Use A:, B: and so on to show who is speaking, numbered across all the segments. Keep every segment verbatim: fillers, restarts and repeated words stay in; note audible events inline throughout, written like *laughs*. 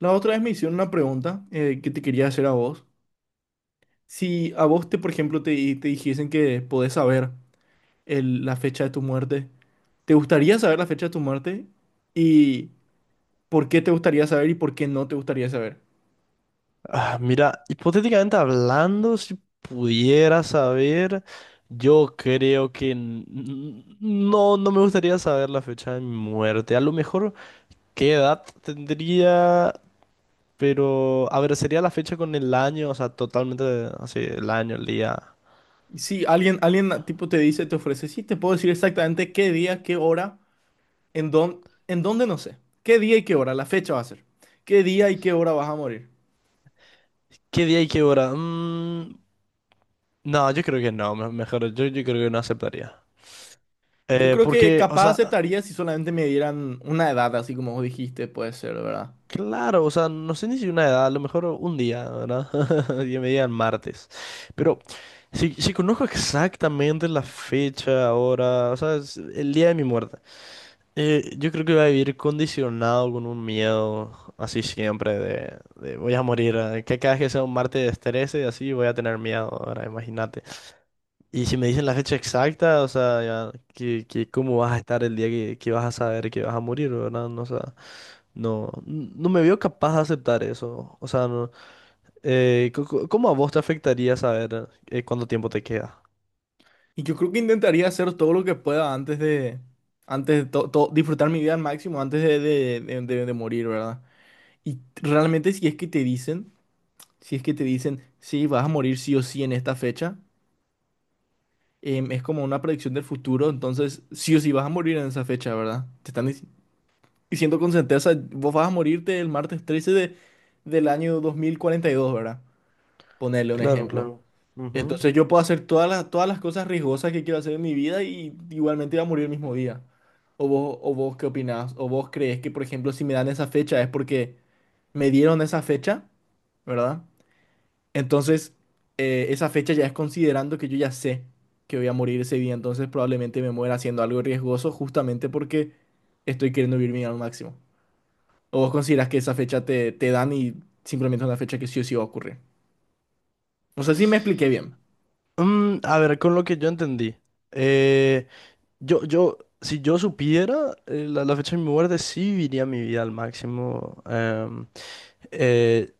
A: La otra vez me hicieron una pregunta eh, que te quería hacer a vos. Si a vos, te, por ejemplo, te, te dijesen que podés saber el- la fecha de tu muerte, ¿te gustaría saber la fecha de tu muerte? ¿Y por qué te gustaría saber y por qué no te gustaría saber?
B: Ah, mira, hipotéticamente hablando, si pudiera saber, yo creo que n- n- no, no me gustaría saber la fecha de mi muerte. A lo mejor qué edad tendría, pero a ver, sería la fecha con el año, o sea, totalmente así, el año, el día.
A: Si alguien, alguien ah, tipo te dice, te ofrece, sí, te puedo decir exactamente qué día, qué hora, en dónde, en dónde no sé. ¿Qué día y qué hora? La fecha va a ser. ¿Qué día y qué hora vas a morir?
B: ¿Qué día y qué hora? Mm, no, yo creo que no, me- mejor, yo, yo creo que no aceptaría.
A: Yo
B: Eh,
A: creo que
B: porque, o
A: capaz
B: sea,
A: aceptaría si solamente me dieran una edad, así como vos dijiste, puede ser, ¿verdad?
B: claro, o sea, no sé ni si una edad, a lo mejor un día, ¿verdad? *laughs* Y me digan martes. Pero si, si conozco exactamente la fecha, ahora, o sea, es el día de mi muerte, eh, yo creo que voy a vivir condicionado con un miedo así siempre de, de voy a morir, eh, que cada vez que sea un martes trece y así voy a tener miedo, ahora imagínate. Y si me dicen la fecha exacta, o sea, ya, que, que cómo vas a estar el día que, que vas a saber que vas a morir, ¿verdad? No, o sea, no, n- no me veo capaz de aceptar eso. O sea, no, eh, co- co- ¿cómo a vos te afectaría saber eh, cuánto tiempo te queda?
A: Y yo creo que intentaría hacer todo lo que pueda antes de, antes de to- to- disfrutar mi vida al máximo, antes de, de- de- de- de morir, ¿verdad? Y realmente si es que te dicen, si es que te dicen, sí, vas a morir sí o sí en esta fecha, em, es como una predicción del futuro, entonces sí o sí vas a morir en esa fecha, ¿verdad? Te están dic- diciendo con certeza, vos vas a morirte el martes trece de, del año dos mil cuarenta y dos, ¿verdad? Ponerle un
B: Claro,
A: ejemplo.
B: claro. Ujú.
A: Entonces yo puedo hacer todas las, todas las cosas riesgosas que quiero hacer en mi vida y igualmente iba a morir el mismo día. ¿O vos, o vos qué opinás? ¿O vos crees que, por ejemplo, si me dan esa fecha es porque me dieron esa fecha, verdad? Entonces, eh, esa fecha ya es considerando que yo ya sé que voy a morir ese día, entonces probablemente me muera haciendo algo riesgoso justamente porque estoy queriendo vivir mi vida al máximo. ¿O vos considerás que esa fecha te, te dan y simplemente es una fecha que sí o sí va a ocurrir? No sé si me expliqué bien.
B: Mm, a ver, con lo que yo entendí. eh, yo, yo, si yo supiera eh, la, la fecha de mi muerte, sí viviría mi vida al máximo. em, eh,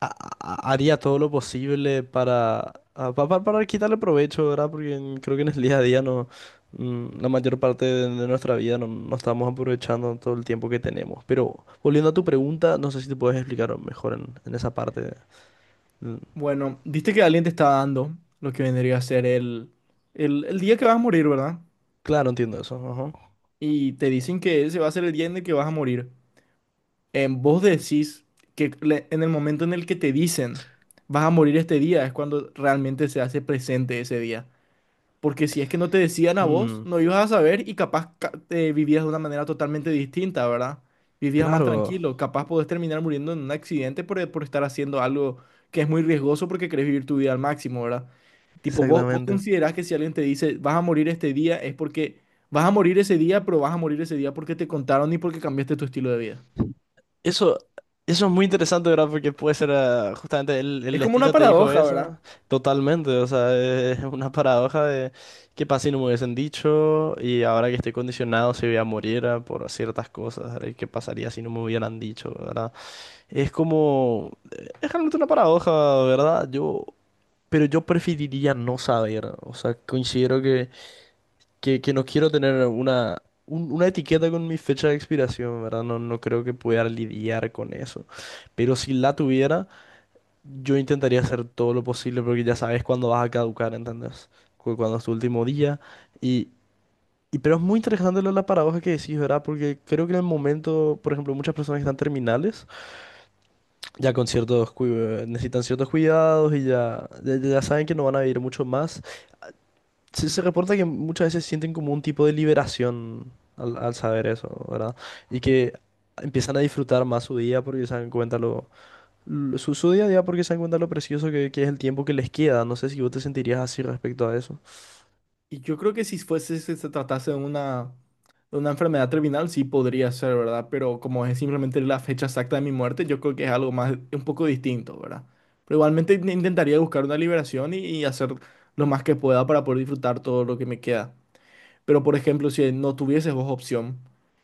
B: ha- ha- Haría todo lo posible para, a- pa- pa- para quitarle provecho, ¿verdad? Porque en- creo que en el día a día no, mm, la mayor parte de, de nuestra vida no, no estamos aprovechando todo el tiempo que tenemos. Pero volviendo a tu pregunta, no sé si te puedes explicar mejor en, en esa parte. Mm,
A: Bueno, viste que alguien te está dando lo que vendría a ser el, el, el día que vas a morir, ¿verdad?
B: claro, entiendo eso. Ajá.
A: Y te dicen que ese va a ser el día en el que vas a morir. En vos decís que le- en el momento en el que te dicen vas a morir este día es cuando realmente se hace presente ese día. Porque si es que no te decían a vos,
B: Mm,
A: no ibas a saber y capaz ca- eh, vivías de una manera totalmente distinta, ¿verdad? Vivías más
B: claro,
A: tranquilo, capaz podés terminar muriendo en un accidente por, por estar haciendo algo que es muy riesgoso porque querés vivir tu vida al máximo, ¿verdad? Tipo, vos, vos
B: exactamente.
A: considerás que si alguien te dice, vas a morir este día, es porque vas a morir ese día, pero vas a morir ese día porque te contaron y porque cambiaste tu estilo de vida.
B: Eso, eso es muy interesante, ¿verdad? Porque puede ser, ah, justamente el, el
A: Es como una
B: destino te dijo
A: paradoja, ¿verdad?
B: eso, totalmente, o sea, es una paradoja de qué pasa si no me hubiesen dicho y ahora que estoy condicionado si voy a morir ah, por ciertas cosas, ¿verdad? ¿Y qué pasaría si no me hubieran dicho, ¿verdad? Es como, es realmente una paradoja, ¿verdad? Yo, pero yo preferiría no saber, o sea, considero que que, que no quiero tener una, un- una etiqueta con mi fecha de expiración, ¿verdad? No, no creo que pueda lidiar con eso. Pero si la tuviera, yo intentaría hacer todo lo posible porque ya sabes cuándo vas a caducar, ¿entendés? Cu- Cuándo es tu último día. Y, y pero es muy interesante lo de la paradoja que decís, ¿verdad? Porque creo que en el momento, por ejemplo, muchas personas que están terminales ya con ciertos cui- necesitan ciertos cuidados y ya, ya, ya saben que no van a vivir mucho más. Se, se reporta que muchas veces sienten como un tipo de liberación al, al saber eso, ¿verdad? Y que empiezan a disfrutar más su día porque se dan cuenta lo, lo- su, su día a día porque se dan cuenta lo precioso que, que es el tiempo que les queda. No sé si vos te sentirías así respecto a eso.
A: Y yo creo que si fuese, si se tratase de una, de una enfermedad terminal, sí podría ser, ¿verdad? Pero como es simplemente la fecha exacta de mi muerte, yo creo que es algo más, un poco distinto, ¿verdad? Pero igualmente in- intentaría buscar una liberación y, y hacer lo más que pueda para poder disfrutar todo lo que me queda. Pero, por ejemplo, si no tuvieses vos opción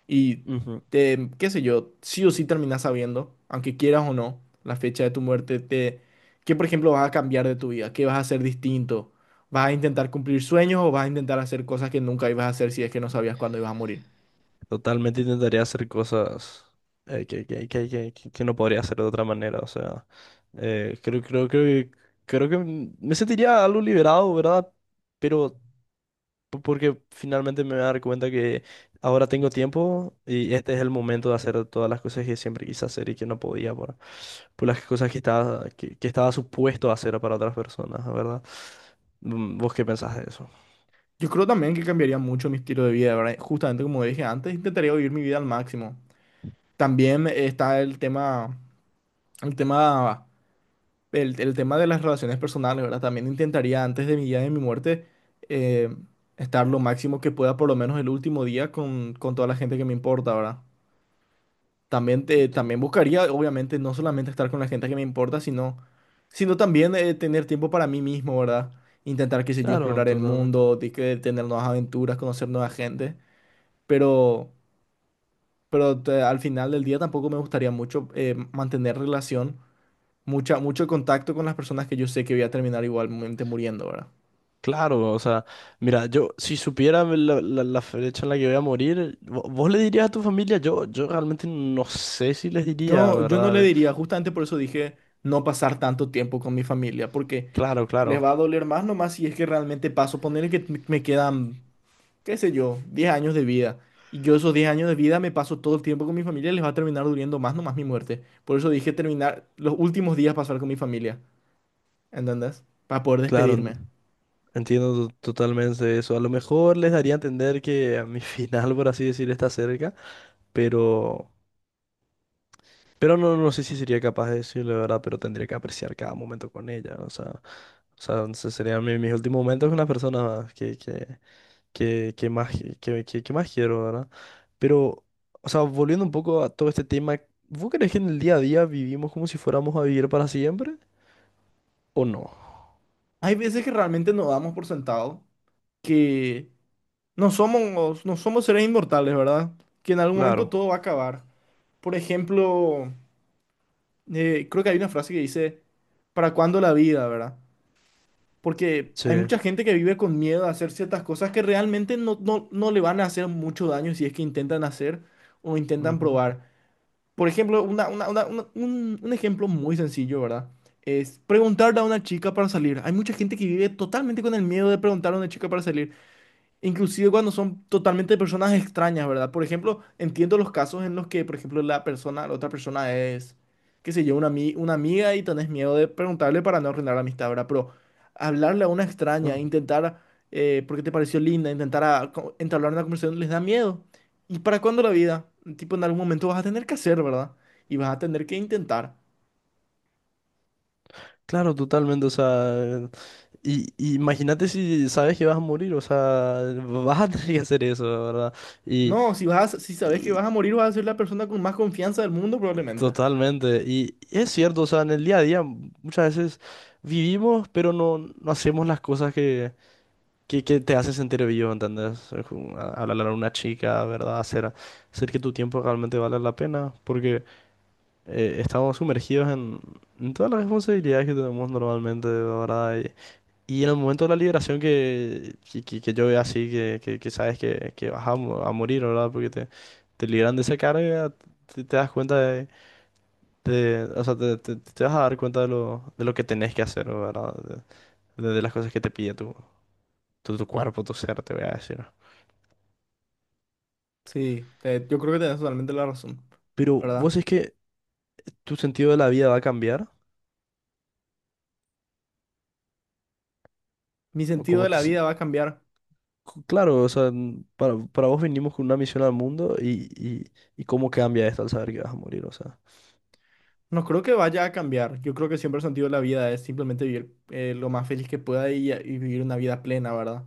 A: y
B: Ujú.
A: te, qué sé yo, sí o sí terminás sabiendo, aunque quieras o no, la fecha de tu muerte, te, ¿qué, por ejemplo, vas a cambiar de tu vida? ¿Qué vas a hacer distinto? ¿Vas a intentar cumplir sueños o vas a intentar hacer cosas que nunca ibas a hacer si es que no sabías cuándo ibas a morir?
B: Totalmente intentaría hacer cosas eh, que, que, que, que, que- que no podría hacer de otra manera. O sea, eh, creo, creo, creo que creo que me sentiría algo liberado, ¿verdad? Pero po- porque finalmente me voy a dar cuenta que ahora tengo tiempo y este es el momento de hacer todas las cosas que siempre quise hacer y que no podía por, por las cosas que estaba, que, que estaba supuesto a hacer para otras personas, ¿verdad? Mm, ¿vos qué pensás de eso?
A: Yo creo también que cambiaría mucho mi estilo de vida, ¿verdad? Justamente como dije antes, intentaría vivir mi vida al máximo. También está el tema, el tema el, el tema de las relaciones personales, ¿verdad? También intentaría antes de mi día de mi muerte eh, estar lo máximo que pueda, por lo menos el último día, con, con toda la gente que me importa, ¿verdad? También, te,
B: T-
A: también buscaría, obviamente, no solamente estar con la gente que me importa, sino, sino también eh, tener tiempo para mí mismo, ¿verdad? Intentar, qué sé yo,
B: Claro,
A: explorar el
B: totalmente.
A: mundo, de que tener nuevas aventuras, conocer nueva gente, pero, pero te- al final del día tampoco me gustaría mucho eh, mantener relación mucha, mucho contacto con las personas que yo sé que voy a terminar igualmente muriendo, ¿verdad?
B: Claro, o sea, mira, yo si supiera la, la- la fecha en la que voy a morir, vo- vos le dirías a tu familia, yo, yo realmente no sé si les diría,
A: Yo, yo no le
B: ¿verdad?
A: diría, justamente por eso dije no pasar tanto tiempo con mi familia, porque
B: Claro,
A: les
B: claro,
A: va a doler más nomás si es que realmente paso, ponerle que me me quedan, qué sé yo, diez años de vida. Y yo esos diez años de vida me paso todo el tiempo con mi familia, les va a terminar doliendo más nomás mi muerte. Por eso dije terminar los últimos días pasar con mi familia, ¿entendés? Para poder
B: claro.
A: despedirme.
B: Entiendo to- totalmente eso. A lo mejor les daría a entender que a mi *laughs* final, por así decir, está cerca, pero, pero no, no sé si sería capaz de decirle, ¿verdad? Pero tendría que apreciar cada momento con ella. O sea, o sea, se- serían mi- mis últimos momentos con la persona que, que, que, que más, que, que, que más quiero, ¿verdad? Pero, o sea, volviendo un poco a todo este tema, ¿vos crees que en el día a día vivimos como si fuéramos a vivir para siempre? ¿O no?
A: Hay veces que realmente nos damos por sentado que No somos, no somos seres inmortales, ¿verdad? Que en algún momento
B: Claro.
A: todo va a acabar. Por ejemplo, eh, creo que hay una frase que dice, ¿para cuándo la vida, verdad? Porque
B: Sí.
A: hay mucha gente que vive con miedo a hacer ciertas cosas que realmente no, no, no le van a hacer mucho daño si es que intentan hacer o intentan
B: Ujú.
A: probar. Por ejemplo, una- una- una- una- un, un ejemplo muy sencillo, ¿verdad? Es preguntarle a una chica para salir. Hay mucha gente que vive totalmente con el miedo de preguntarle a una chica para salir. Inclusive cuando son totalmente personas extrañas, ¿verdad? Por ejemplo, entiendo los casos en los que, por ejemplo, la persona, la otra persona es, qué sé yo, una, ami- una amiga y tenés miedo de preguntarle para no arruinar la amistad, ¿verdad? Pero hablarle a una extraña,
B: Mm.
A: intentar, eh, porque te pareció linda, intentar a- co- entablar una conversación, les da miedo. ¿Y para cuándo la vida? Tipo, en algún momento vas a tener que hacer, ¿verdad? Y vas a tener que intentar.
B: Claro, totalmente, o sea, y, y imagínate si sabes que vas a morir, o sea, *laughs* vas a tener que hacer eso, la ¿verdad? Y,
A: No, si vas, a- si sabes que
B: y
A: vas a morir, vas a ser la persona con más confianza del mundo, probablemente.
B: totalmente, y, y es cierto, o sea, en el día a día muchas veces vivimos, pero no, no hacemos las cosas que, que, que te hacen sentir vivo, ¿entendés? Es como a- hablar a una chica, ¿verdad? Hacer, hacer que tu tiempo realmente valga la pena, porque eh, estamos sumergidos en, en todas las responsabilidades que tenemos normalmente, ¿verdad? Y en el momento de la liberación que, que, que- que yo veo así, que, que, que sabes que, que vas a, mo- a morir, ¿verdad? Porque te, te liberan de esa carga, te, te das cuenta de, de- o sea, te, te- te vas a dar cuenta de lo, de lo que tenés que hacer, ¿verdad? De, de- de las cosas que te pide tu, tu, tu cuerpo, tu ser, te voy a decir.
A: Sí, te- yo creo que tenés totalmente la razón,
B: Pero
A: ¿verdad?
B: vos es que tu sentido de la vida va a cambiar,
A: Mi
B: o
A: sentido
B: cómo
A: de
B: te,
A: la vida va a cambiar.
B: cu- claro, o sea, n- para, para vos vinimos con una misión al mundo y, y, y cómo cambia esto al saber que vas a morir, o sea.
A: No creo que vaya a cambiar. Yo creo que siempre el sentido de la vida es simplemente vivir eh, lo más feliz que pueda y, y vivir una vida plena, ¿verdad?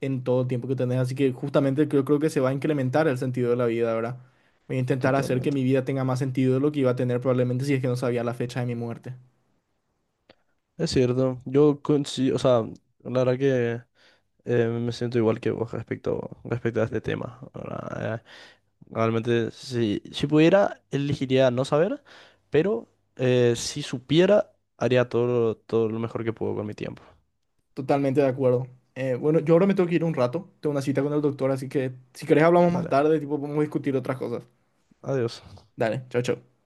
A: En todo el tiempo que tenés. Así que justamente yo creo que se va a incrementar el sentido de la vida, ¿verdad? Voy a intentar hacer que
B: Totalmente.
A: mi vida tenga más sentido de lo que iba a tener probablemente si es que no sabía la fecha de mi muerte.
B: Es cierto. Yo coincido, o sea, la verdad que eh, me siento igual que vos respecto, respecto a este tema. ¿Verdad? Realmente, si, si pudiera, elegiría no saber, pero eh, si supiera, haría todo, lo- todo lo mejor que puedo con mi tiempo.
A: Totalmente de acuerdo. Eh, bueno, yo ahora me tengo que ir un rato. Tengo una cita con el doctor, así que si querés hablamos más
B: Dale,
A: tarde, tipo, podemos discutir otras cosas.
B: adiós.
A: Dale, chao, chao.